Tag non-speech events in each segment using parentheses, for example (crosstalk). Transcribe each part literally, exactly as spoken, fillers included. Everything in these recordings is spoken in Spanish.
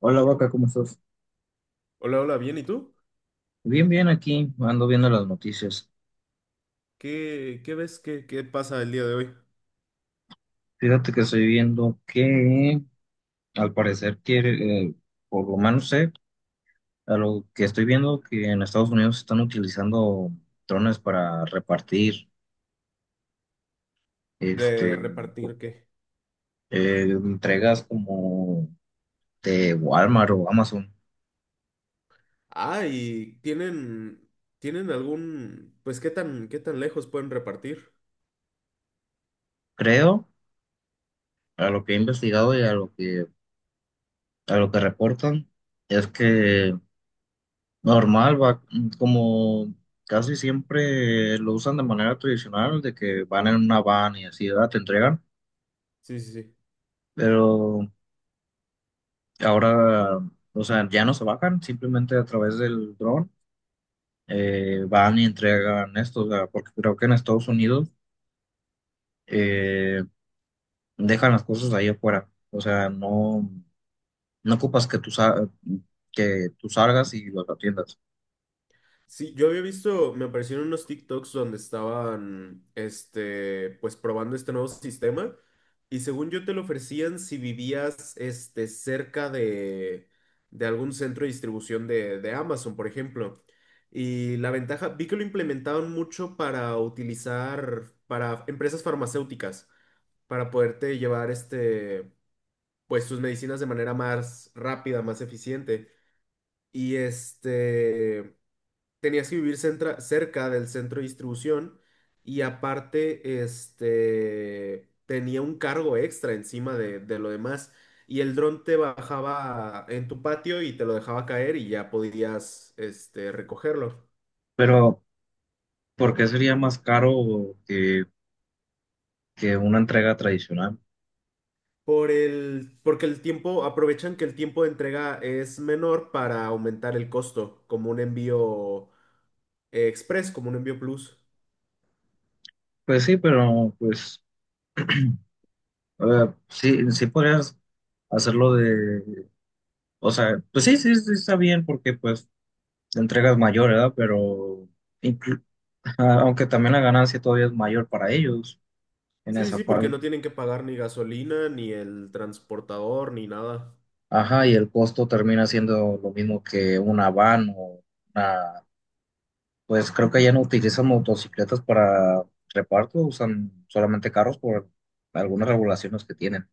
Hola, Vaca, ¿cómo estás? Hola, hola, bien, ¿y tú? Bien, bien, aquí ando viendo las noticias. ¿Qué, qué ves? ¿Qué, qué pasa el día de hoy? Fíjate que estoy viendo que al parecer quiere, eh, por lo menos sé, a lo que estoy viendo que en Estados Unidos están utilizando drones para repartir ¿De este, repartir qué? eh, entregas como de Walmart o Amazon. Ah, y tienen, tienen algún, pues, ¿qué tan, qué tan lejos pueden repartir? Creo, a lo que he investigado y a lo que, a lo que reportan, es que normal, va, como casi siempre lo usan de manera tradicional, de que van en una van y así, ¿verdad? Te entregan, Sí, sí, sí. pero ahora, o sea, ya no se bajan, simplemente a través del dron eh, van y entregan esto, o sea, porque creo que en Estados Unidos eh, dejan las cosas ahí afuera, o sea, no, no ocupas que tú, sa- que tú salgas y los atiendas, Sí, yo había visto, me aparecieron unos TikToks donde estaban, este, pues probando este nuevo sistema y según yo te lo ofrecían si vivías, este, cerca de, de algún centro de distribución de, de Amazon, por ejemplo. Y la ventaja, vi que lo implementaban mucho para utilizar, para empresas farmacéuticas, para poderte llevar, este, pues tus medicinas de manera más rápida, más eficiente. Y este tenías que vivir centra- cerca del centro de distribución y aparte, este, tenía un cargo extra encima de, de lo demás y el dron te bajaba en tu patio y te lo dejaba caer y ya podías, este, recogerlo. pero ¿por qué sería más caro que, que una entrega tradicional? Por el, porque el tiempo, aprovechan que el tiempo de entrega es menor para aumentar el costo, como un envío, eh, express, como un envío plus. Pues sí, pero pues a sí, sí podrías hacerlo de, o sea, pues sí, sí, sí está bien porque pues la entrega es mayor, ¿verdad? Pero inclu- (laughs) aunque también la ganancia todavía es mayor para ellos en Sí, esa sí, porque parte. no tienen que pagar ni gasolina, ni el transportador, ni nada. Ajá, y el costo termina siendo lo mismo que una van o una, pues creo que ya no utilizan motocicletas para reparto, usan solamente carros por algunas regulaciones que tienen.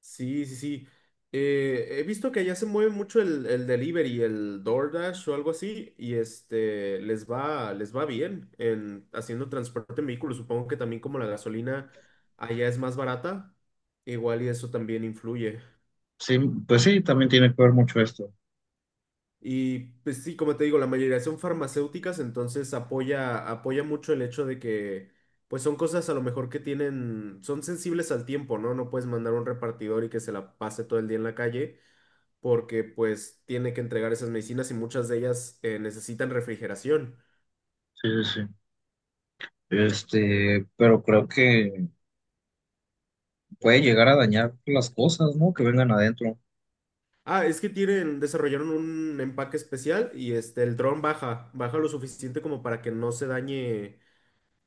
Sí, sí, sí. Eh, he visto que allá se mueve mucho el, el delivery, el DoorDash o algo así, y este les va, les va bien en haciendo transporte en vehículos. Supongo que también como la gasolina allá es más barata, igual y eso también influye. Sí, pues sí, también tiene que ver mucho esto. Y pues sí, como te digo, la mayoría son farmacéuticas, entonces apoya, apoya mucho el hecho de que pues son cosas a lo mejor que tienen, son sensibles al tiempo, ¿no? No puedes mandar a un repartidor y que se la pase todo el día en la calle porque pues tiene que entregar esas medicinas y muchas de ellas eh, necesitan refrigeración. Sí, sí, sí. Este, pero creo que puede llegar a dañar las cosas, ¿no? Que vengan adentro. Ah, es que tienen, desarrollaron un empaque especial y este, el dron baja, baja lo suficiente como para que no se dañe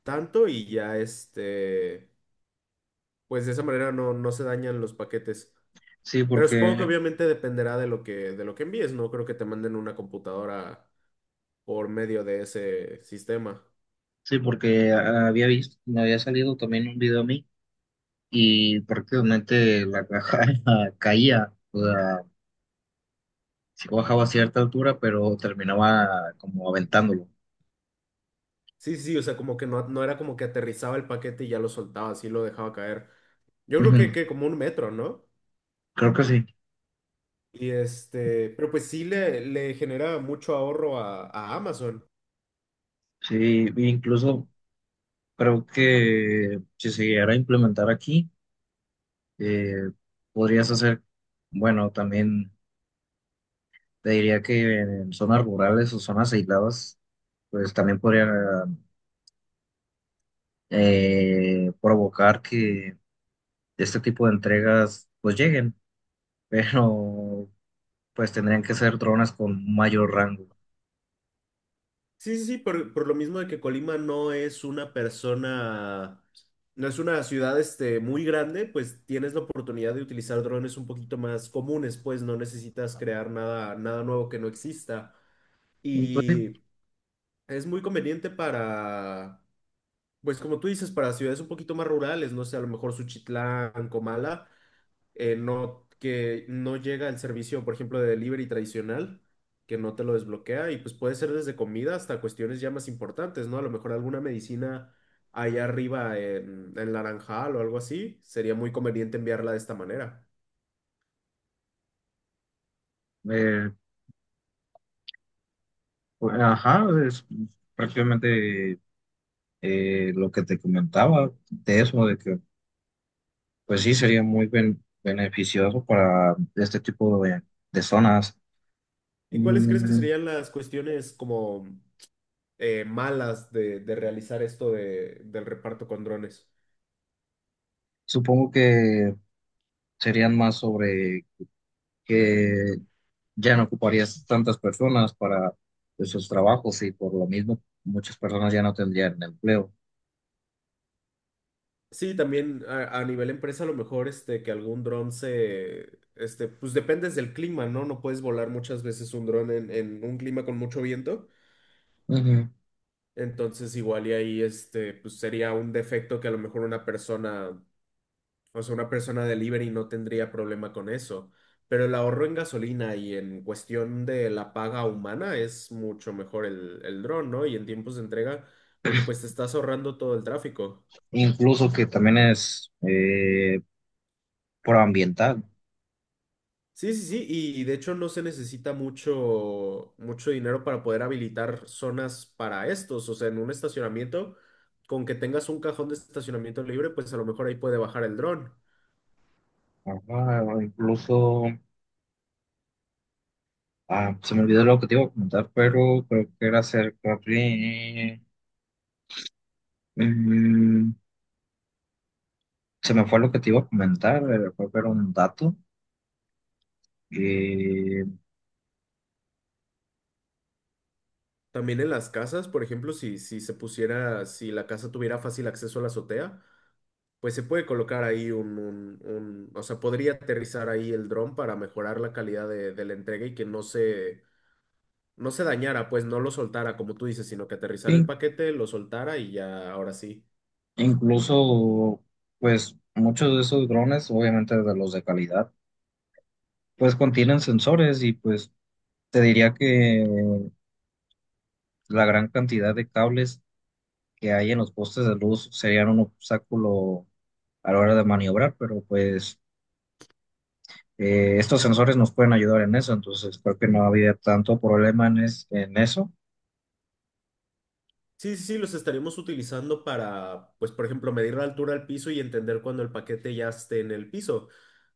tanto y ya este, pues de esa manera no, no se dañan los paquetes. Sí, Pero supongo que porque, obviamente dependerá de lo que, de lo que envíes, no creo que te manden una computadora por medio de ese sistema. sí, porque había visto, me había salido también un video a mí y prácticamente la caja (laughs) caía, o sea, sí bajaba a cierta altura, pero terminaba como aventándolo. Sí, sí, sí, o sea, como que no, no era como que aterrizaba el paquete y ya lo soltaba, así lo dejaba caer. Yo creo que, Ujú. que como un metro, ¿no? Creo que sí, Y este, pero pues sí le, le genera mucho ahorro a, a Amazon. sí, e incluso creo que si se llegara a implementar aquí, eh, podrías hacer, bueno, también. Te diría que en zonas rurales o zonas aisladas, pues también podrían eh, provocar que este tipo de entregas pues lleguen, (laughs) pero pues tendrían que ser drones con mayor rango. Sí, sí, sí, por, por lo mismo de que Colima no es una persona, no es una ciudad este, muy grande, pues tienes la oportunidad de utilizar drones un poquito más comunes, pues no necesitas crear nada, nada nuevo que no exista. Entonces, Y es muy conveniente para, pues como tú dices, para ciudades un poquito más rurales, no sé, a lo mejor Suchitlán, Comala eh, no, que no llega el servicio, por ejemplo, de delivery tradicional, que no te lo desbloquea y pues puede ser desde comida hasta cuestiones ya más importantes, ¿no? A lo mejor alguna medicina allá arriba en, en Naranjal o algo así, sería muy conveniente enviarla de esta manera. eh, pues, ajá, es prácticamente eh, lo que te comentaba de eso, de que pues sí sería muy ben- beneficioso para este tipo de, de zonas. ¿Y cuáles crees que Mm, serían las cuestiones como eh, malas de, de realizar esto de- del reparto con drones? supongo que serían más sobre que ya no ocuparías tantas personas para esos trabajos y por lo mismo muchas personas ya no tendrían empleo. Sí, también a, a nivel empresa, a lo mejor este, que algún dron se, este, pues dependes del clima, ¿no? No puedes volar muchas veces un dron en, en un clima con mucho viento. Ujú. Entonces, igual y ahí, este, pues sería un defecto que a lo mejor una persona, o sea, una persona delivery no tendría problema con eso. Pero el ahorro en gasolina y en cuestión de la paga humana es mucho mejor el, el dron, ¿no? Y en tiempos de entrega, porque pues te estás ahorrando todo el tráfico. Incluso que también es eh, proambiental. Sí, sí, sí, y de hecho no se necesita mucho, mucho dinero para poder habilitar zonas para estos, o sea, en un estacionamiento, con que tengas un cajón de estacionamiento libre, pues a lo mejor ahí puede bajar el dron. Ajá, o incluso, ah, se me olvidó lo que te iba a comentar, pero creo que era acerca de... mm, se me fue lo que te iba a comentar, eh, creo que era un dato. Eh, También en las casas, por ejemplo, si, si se pusiera, si la casa tuviera fácil acceso a la azotea, pues se puede colocar ahí un, un, un- o sea, podría aterrizar ahí el dron para mejorar la calidad de, de la entrega y que no se, no se dañara, pues no lo soltara, como tú dices, sino que aterrizara el sí, paquete, lo soltara y ya, ahora sí. incluso, pues, muchos de esos drones, obviamente de los de calidad pues contienen sensores y pues te diría que la gran cantidad de cables que hay en los postes de luz serían un obstáculo a la hora de maniobrar, pero pues eh, estos sensores nos pueden ayudar en eso, entonces creo que no había tanto problema en, es- en eso. Sí, sí, sí, los estaremos utilizando para, pues, por ejemplo, medir la altura al piso y entender cuando el paquete ya esté en el piso.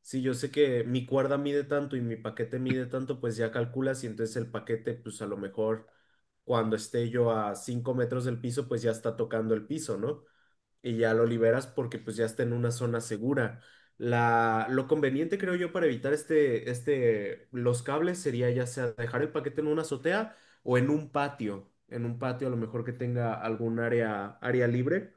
Si yo sé que mi cuerda mide tanto y mi paquete mide tanto, pues ya calculas y entonces el paquete, pues a lo mejor cuando esté yo a cinco metros del piso, pues ya está tocando el piso, ¿no? Y ya lo liberas porque pues ya está en una zona segura. La, lo conveniente creo yo para evitar este, este, los cables sería ya sea dejar el paquete en una azotea o en un patio, en un patio a lo mejor que tenga algún área, área libre,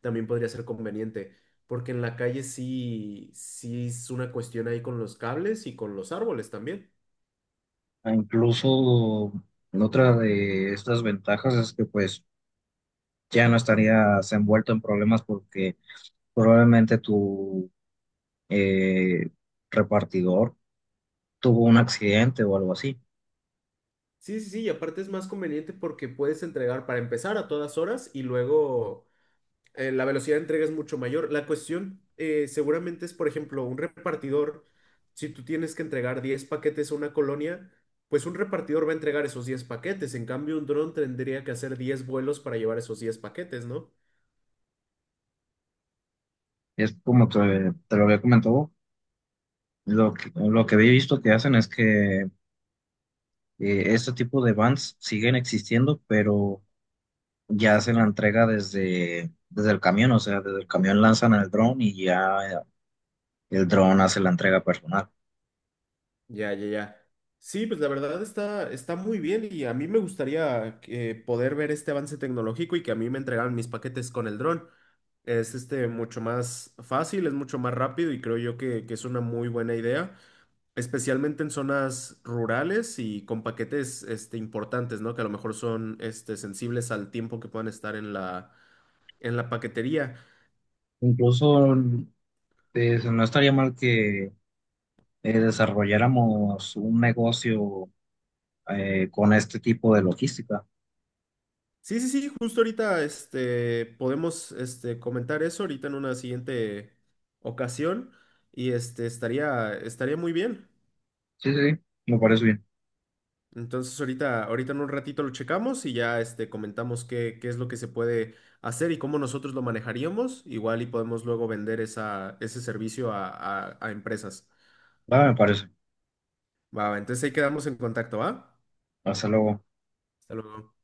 también podría ser conveniente, porque en la calle sí, sí es una cuestión ahí con los cables y con los árboles también. E incluso otra de estas ventajas es que pues ya no estarías envuelto en problemas porque probablemente tu eh, repartidor tuvo un accidente o algo así. Sí, sí, sí, y aparte es más conveniente porque puedes entregar para empezar a todas horas y luego... eh, la velocidad de entrega es mucho mayor. La cuestión eh, seguramente es, por ejemplo, un repartidor, si tú tienes que entregar diez paquetes a una colonia, pues un repartidor va a entregar esos diez paquetes. En cambio, un dron tendría que hacer diez vuelos para llevar esos diez paquetes, ¿no? Es como te, te lo había comentado, lo que, lo que había visto que hacen es que eh, este tipo de vans siguen existiendo, pero ya hacen la entrega desde, desde el camión, o sea, desde el camión lanzan el dron y ya el dron hace la entrega personal. Ya, ya, ya. Sí, pues la verdad está, está muy bien y a mí me gustaría eh, poder ver este avance tecnológico y que a mí me entregaran mis paquetes con el dron. Es este mucho más fácil, es mucho más rápido y creo yo que que es una muy buena idea. Especialmente en zonas rurales y con paquetes este, importantes, ¿no? Que a lo mejor son este, sensibles al tiempo que puedan estar en la, en la paquetería. Incluso eh, no estaría mal que eh, desarrolláramos un negocio eh, con este tipo de logística. Sí, sí, sí, justo ahorita este, podemos este, comentar eso ahorita en una siguiente ocasión y este, estaría, estaría muy bien. Sí, sí, sí, me parece bien. Entonces ahorita, ahorita en un ratito lo checamos y ya este, comentamos qué, qué es lo que se puede hacer y cómo nosotros lo manejaríamos. Igual y podemos luego vender esa, ese servicio a a- a empresas. Va, me parece. Va, va, entonces ahí quedamos en contacto, ¿va? Hasta luego. Hasta luego.